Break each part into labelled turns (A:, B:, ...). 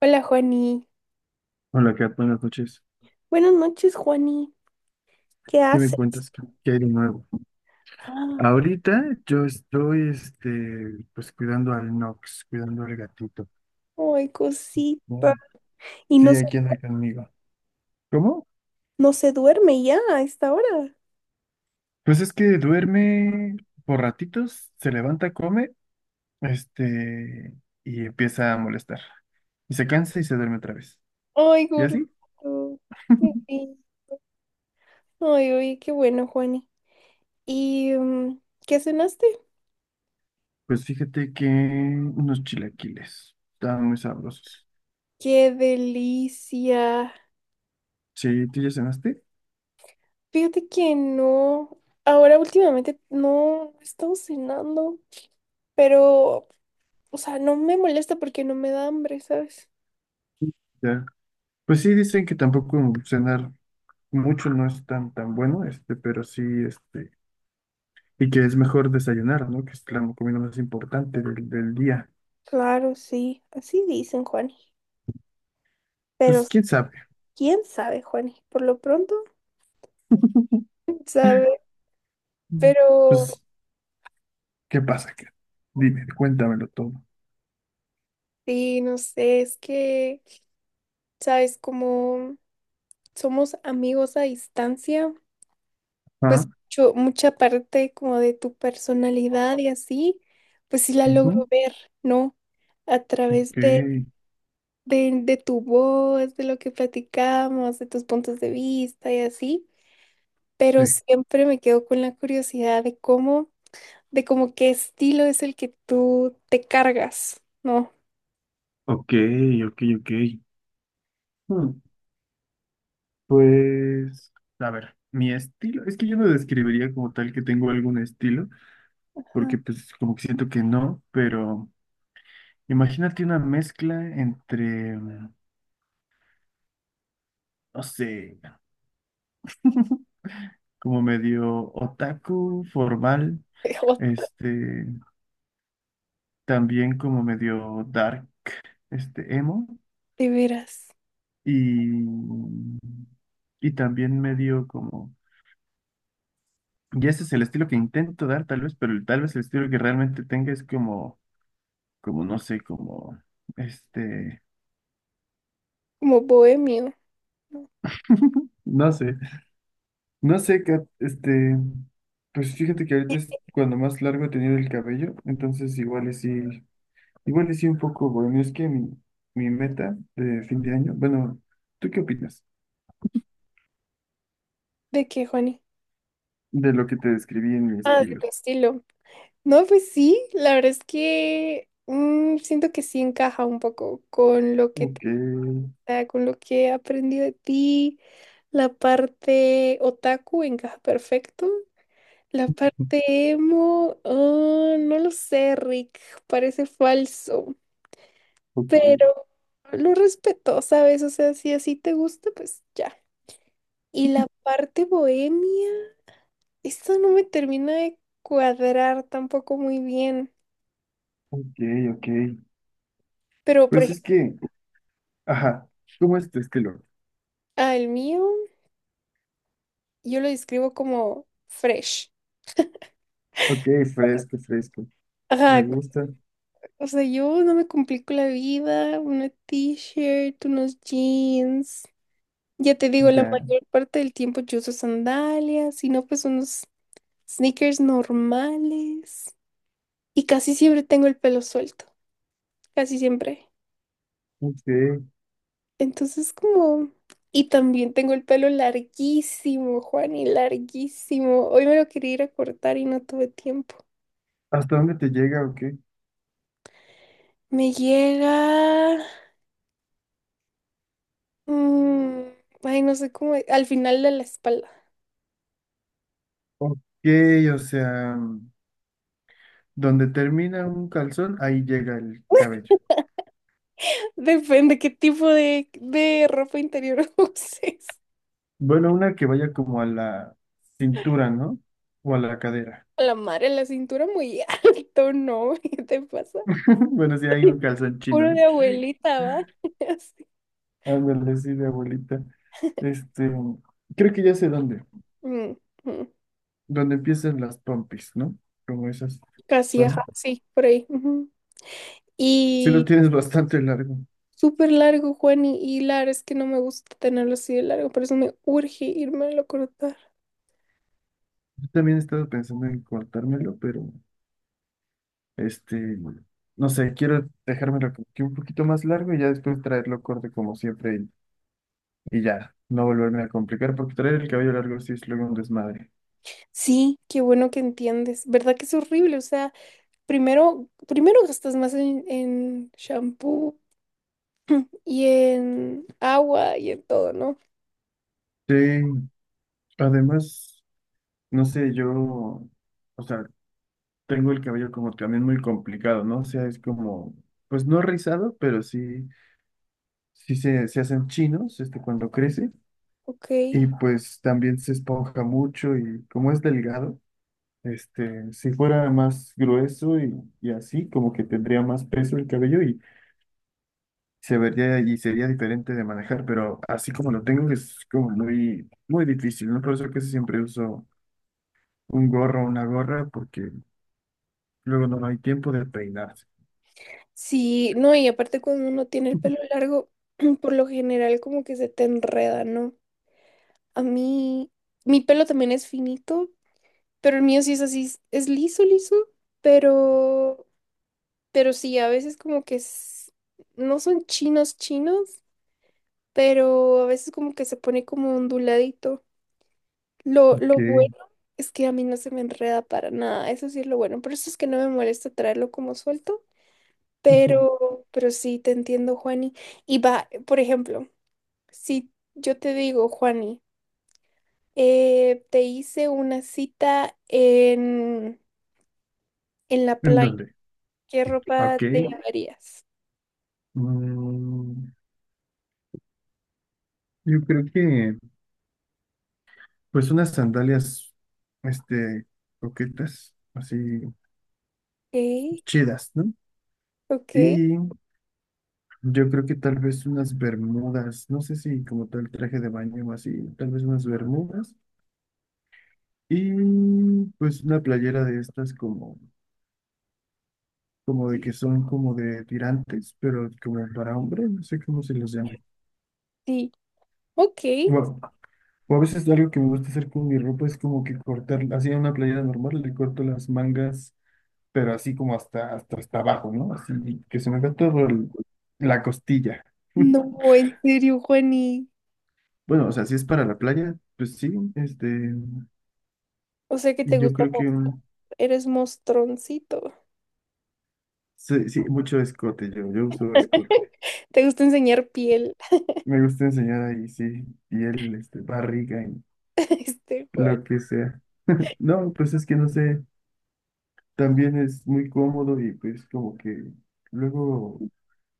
A: Hola, Juani.
B: Hola, Kat, buenas noches.
A: Buenas noches, Juani. ¿Qué
B: ¿Qué me
A: haces?
B: cuentas? ¿Qué hay de nuevo?
A: Ah,
B: Ahorita yo estoy, pues cuidando al Nox, cuidando al gatito.
A: Ay, cosita.
B: ¿No?
A: Y
B: Sí,
A: no,
B: aquí anda conmigo. ¿Cómo?
A: no se duerme ya a esta hora.
B: Pues es que duerme por ratitos, se levanta, come, este, y empieza a molestar. Y se cansa y se duerme otra vez.
A: Ay,
B: ¿Y así?
A: gordito. Qué bien. Ay, oye, qué bueno, Juani. ¿Y qué cenaste?
B: Pues fíjate que unos chilaquiles estaban muy sabrosos.
A: Qué delicia.
B: Sí, ¿tú ya cenaste?
A: Fíjate que no. Ahora últimamente no he estado cenando, pero, o sea, no me molesta porque no me da hambre, ¿sabes?
B: Ya. Pues sí, dicen que tampoco cenar mucho no es tan bueno, pero sí, y que es mejor desayunar, ¿no? Que es la comida más importante del día.
A: Claro, sí. Así dicen, Juani. Pero
B: Pues quién sabe.
A: ¿quién sabe, Juanes? Por lo pronto, ¿quién sabe,
B: Mm.
A: pero
B: Pues, ¿qué pasa? ¿Qué? Dime, cuéntamelo todo.
A: sí, no sé, es que, ¿sabes? Como somos amigos a distancia, pues
B: Ah,
A: mucha parte como de tu personalidad y así, pues sí la logro
B: ujú,
A: ver, ¿no? A
B: ok,
A: través de tu voz, de lo que platicamos, de tus puntos de vista y así,
B: sí.
A: pero siempre me quedo con la curiosidad de cómo qué estilo es el que tú te cargas, ¿no?
B: Ok, ok. Hmm, pues, a ver, mi estilo, es que yo no describiría como tal que tengo algún estilo, porque pues como que siento que no, pero imagínate una mezcla entre, no sé, como medio otaku formal,
A: Jo,
B: este, también como medio dark, emo,
A: de veras,
B: y, y también medio como, y ese es el estilo que intento dar tal vez, pero tal vez el estilo que realmente tenga es como, como no sé, como, este,
A: como bohemio.
B: no sé, no sé, Kat, pues fíjate que ahorita es cuando más largo he tenido el cabello, entonces igual y sí. Igual y sí un poco, bueno, es que mi meta de fin de año, bueno, ¿tú qué opinas
A: ¿De qué, Juani?
B: de lo que te describí en mi
A: Ah, de
B: estilo?
A: tu estilo. No, pues sí, la verdad es que siento que sí encaja un poco con lo que
B: Ok,
A: ah, con lo que he aprendido de ti. La parte otaku encaja perfecto. La parte emo, ah, no lo sé, Rick, parece falso,
B: ok,
A: pero lo respeto, ¿sabes? O sea, si así te gusta, pues ya. Y la parte bohemia. Esto no me termina de cuadrar tampoco muy bien.
B: ok, ok.
A: Pero, por
B: Pues
A: ejemplo,
B: es que, ajá, ¿cómo es tu estilo?
A: al mío, yo lo describo como fresh.
B: Ok, fresco, fresco. Me
A: Ajá,
B: gusta,
A: o sea, yo no me complico la vida, una t-shirt, unos jeans. Ya te digo, la
B: ya,
A: mayor parte del tiempo yo uso sandalias, si no, pues unos sneakers normales. Y casi siempre tengo el pelo suelto, casi siempre.
B: ok.
A: Entonces como… Y también tengo el pelo larguísimo, Juan, y larguísimo. Hoy me lo quería ir a cortar y no tuve tiempo.
B: ¿Hasta dónde te llega o qué?
A: Me llega… mm, ay, no sé cómo… Al final de la espalda.
B: Ok, o sea, donde termina un calzón, ahí llega el cabello.
A: Depende qué tipo de ropa interior uses.
B: Bueno, una que vaya como a la cintura, ¿no? O a la cadera.
A: A la madre, la cintura muy alto, ¿no? ¿Qué te pasa?
B: Bueno, sí hay un calzón chino,
A: Puro
B: ¿no?
A: de
B: Sí.
A: abuelita, ¿va? Así.
B: Ándale, sí, de abuelita. Este, creo que ya sé dónde.
A: Mm, mm.
B: Donde empiezan las pompis, ¿no? Como esas
A: Casi, ajá,
B: son.
A: sí, por ahí. Ujú.
B: Sí lo
A: Y
B: tienes bastante largo.
A: súper largo, Juan, y Lara, es que no me gusta tenerlo así de largo, por eso me urge irme a cortar.
B: Yo también he estado pensando en cortármelo, pero este, no sé, quiero dejármelo como que un poquito más largo y ya después traerlo corto como siempre y ya, no volverme a complicar, porque traer el cabello largo sí es luego un desmadre.
A: Sí, qué bueno que entiendes. ¿Verdad que es horrible? O sea, primero gastas más en shampoo y en agua y en todo, ¿no?
B: Sí, además, no sé, yo, o sea, tengo el cabello como también muy complicado, ¿no? O sea, es como, pues no rizado, pero sí, sí se hacen chinos, cuando crece,
A: Ok.
B: y pues también se esponja mucho y como es delgado, si fuera más grueso y así, como que tendría más peso el cabello y se vería y sería diferente de manejar, pero así como lo tengo es como muy difícil, ¿no? Por eso casi siempre uso un gorro o una gorra porque luego no hay tiempo de peinarse.
A: Sí, no, y aparte cuando uno tiene el pelo largo, por lo general como que se te enreda, ¿no? A mí, mi pelo también es finito, pero el mío sí es así, es liso, liso, pero Pero sí, a veces como que no son chinos chinos, pero a veces como que se pone como onduladito. Lo bueno
B: Ok.
A: es que a mí no se me enreda para nada, eso sí es lo bueno. Por eso es que no me molesta traerlo como suelto, pero sí, te entiendo, Juani. Y va, por ejemplo, si yo te digo, Juani, te hice una cita en la
B: ¿En
A: playa,
B: dónde?
A: ¿qué ropa te
B: Ok.
A: llevarías?
B: Mm, yo creo que, pues, unas sandalias, este, coquetas, así,
A: Ok,
B: chidas, ¿no?
A: ok,
B: Y yo creo que tal vez unas bermudas, no sé si como tal traje de baño o así, tal vez unas bermudas. Y pues una playera de estas como, como de que son como de tirantes, pero como para hombre, no sé cómo se los llame.
A: sí, ok.
B: Bueno, o a veces algo que me gusta hacer con mi ropa es como que cortar, así en una playera normal, le corto las mangas pero así como hasta abajo, ¿no? Así que se me ve todo la costilla.
A: No, en serio, Juani.
B: Bueno, o sea, si es para la playa, pues sí,
A: O sea que
B: y
A: te
B: yo
A: gusta
B: creo que
A: mostrar.
B: un,
A: Eres mostroncito.
B: sí, sí, mucho escote, yo uso escote.
A: Te gusta enseñar piel.
B: Me gusta enseñar ahí, sí, piel, barriga y
A: Este, Juan.
B: lo que sea. No, pues es que no sé, también es muy cómodo y pues como que luego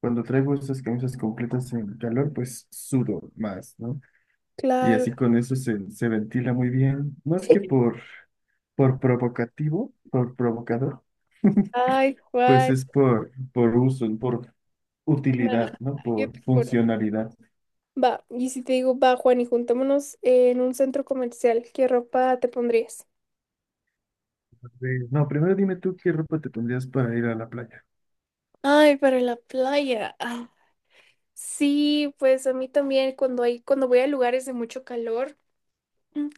B: cuando traigo esas camisas completas en calor, pues sudo más, ¿no? Y
A: Claro.
B: así con eso se ventila muy bien. Más que por provocativo, por provocador,
A: Ay,
B: pues
A: Juan.
B: es por uso, por
A: Nah,
B: utilidad, ¿no?
A: yo
B: Por
A: te conozco.
B: funcionalidad.
A: Va, y si te digo, va, Juan, y juntémonos en un centro comercial, ¿qué ropa te pondrías?
B: No, primero dime tú qué ropa te pondrías para ir a la playa.
A: Ay, para la playa. Ah, sí, pues a mí también cuando hay, cuando voy a lugares de mucho calor, mm,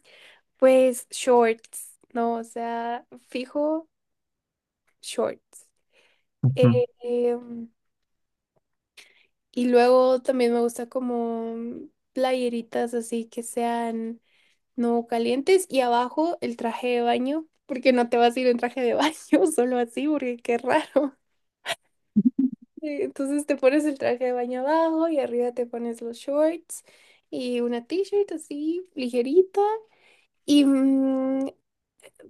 A: pues shorts, ¿no? O sea, fijo, shorts. Eh,
B: Ujú.
A: em, y luego también me gusta como playeritas así que sean no calientes y abajo el traje de baño, porque no te vas a ir en traje de baño solo así, porque qué raro. Entonces te pones el traje de baño abajo y arriba te pones los shorts y una t-shirt así ligerita. Y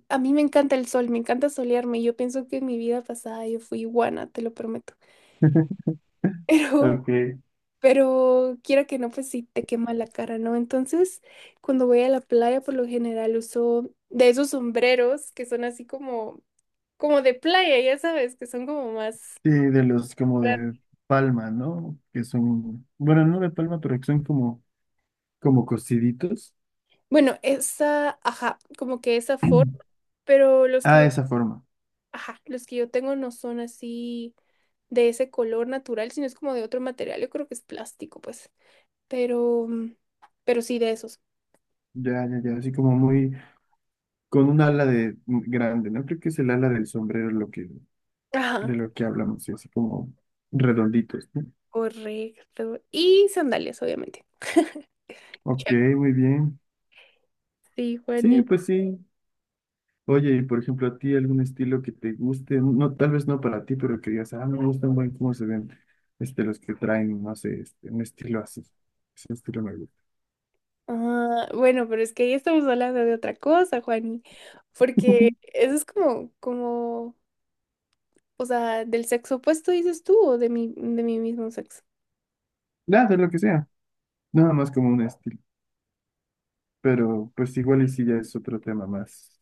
A: a mí me encanta el sol, me encanta solearme. Yo pienso que en mi vida pasada yo fui iguana, te lo prometo. Pero
B: Ok.
A: Pero quiera que no, pues sí te quema la cara, ¿no? Entonces, cuando voy a la playa, por lo general uso de esos sombreros que son así como, como de playa, ya sabes, que son como más…
B: Sí, de los como de palma, ¿no? Que son, bueno, no de palma, pero que son como, como cosiditos.
A: Bueno, esa, ajá, como que esa forma, pero
B: Ah, esa forma.
A: ajá, los que yo tengo no son así de ese color natural, sino es como de otro material, yo creo que es plástico, pues. Pero, pero sí de esos.
B: Ya, ya, ya. Así como muy, con un ala de grande, ¿no? Creo que es el ala del sombrero lo que de
A: Ajá,
B: lo que hablamos, sí, así como redonditos, ¿no?
A: correcto. Y sandalias, obviamente.
B: Ok, muy bien.
A: Sí,
B: Sí,
A: Juani.
B: pues sí. Oye, y por ejemplo, a ti algún estilo que te guste, no, tal vez no para ti, pero que digas, ah, no me gustan buen cómo se ven, los que traen, no sé, un estilo así. Ese estilo me gusta.
A: Ah, bueno, pero es que ahí estamos hablando de otra cosa, Juani, porque eso es como, como, o sea, del sexo opuesto dices tú o de de mi mismo sexo.
B: Nada, de lo que sea. Nada más como un estilo. Pero pues igual y sí ya es otro tema más,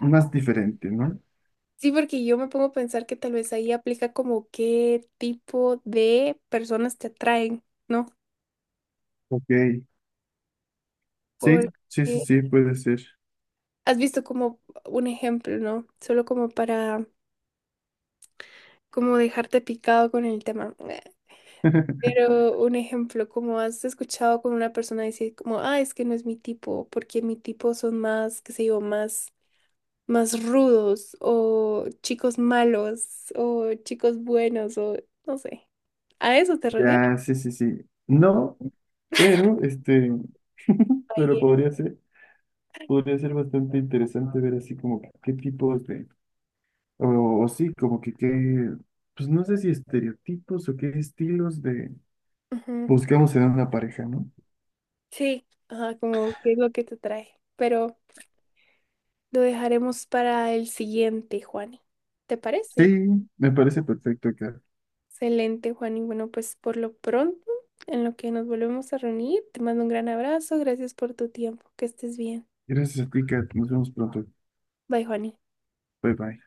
B: más diferente, ¿no?
A: Sí, porque yo me pongo a pensar que tal vez ahí aplica como qué tipo de personas te atraen, ¿no?
B: Ok. Sí, sí, sí,
A: Porque
B: sí, puede ser.
A: has visto como un ejemplo, ¿no? Solo como para, como dejarte picado con el tema. Pero un ejemplo, como has escuchado con una persona decir como, ah, es que no es mi tipo, porque mi tipo son más, qué sé yo, más, más rudos, o chicos malos, o chicos buenos, o no sé. ¿A eso te refieres?
B: Ya, sí, sí, sí. No, pero este. Pero
A: Ahí,
B: podría ser bastante interesante ver así como que qué tipos de, o sí, como que qué, pues no sé si estereotipos o qué estilos de
A: ujú.
B: buscamos en una pareja, ¿no?
A: Sí, ajá, como qué es lo que te trae. Pero lo dejaremos para el siguiente, Juani. ¿Te parece?
B: Sí, me parece perfecto, Kat.
A: Excelente, Juan. Y bueno, pues por lo pronto, en lo que nos volvemos a reunir, te mando un gran abrazo. Gracias por tu tiempo. Que estés bien.
B: Gracias a ti, Kat. Nos vemos pronto.
A: Bye, Juani.
B: Bye bye.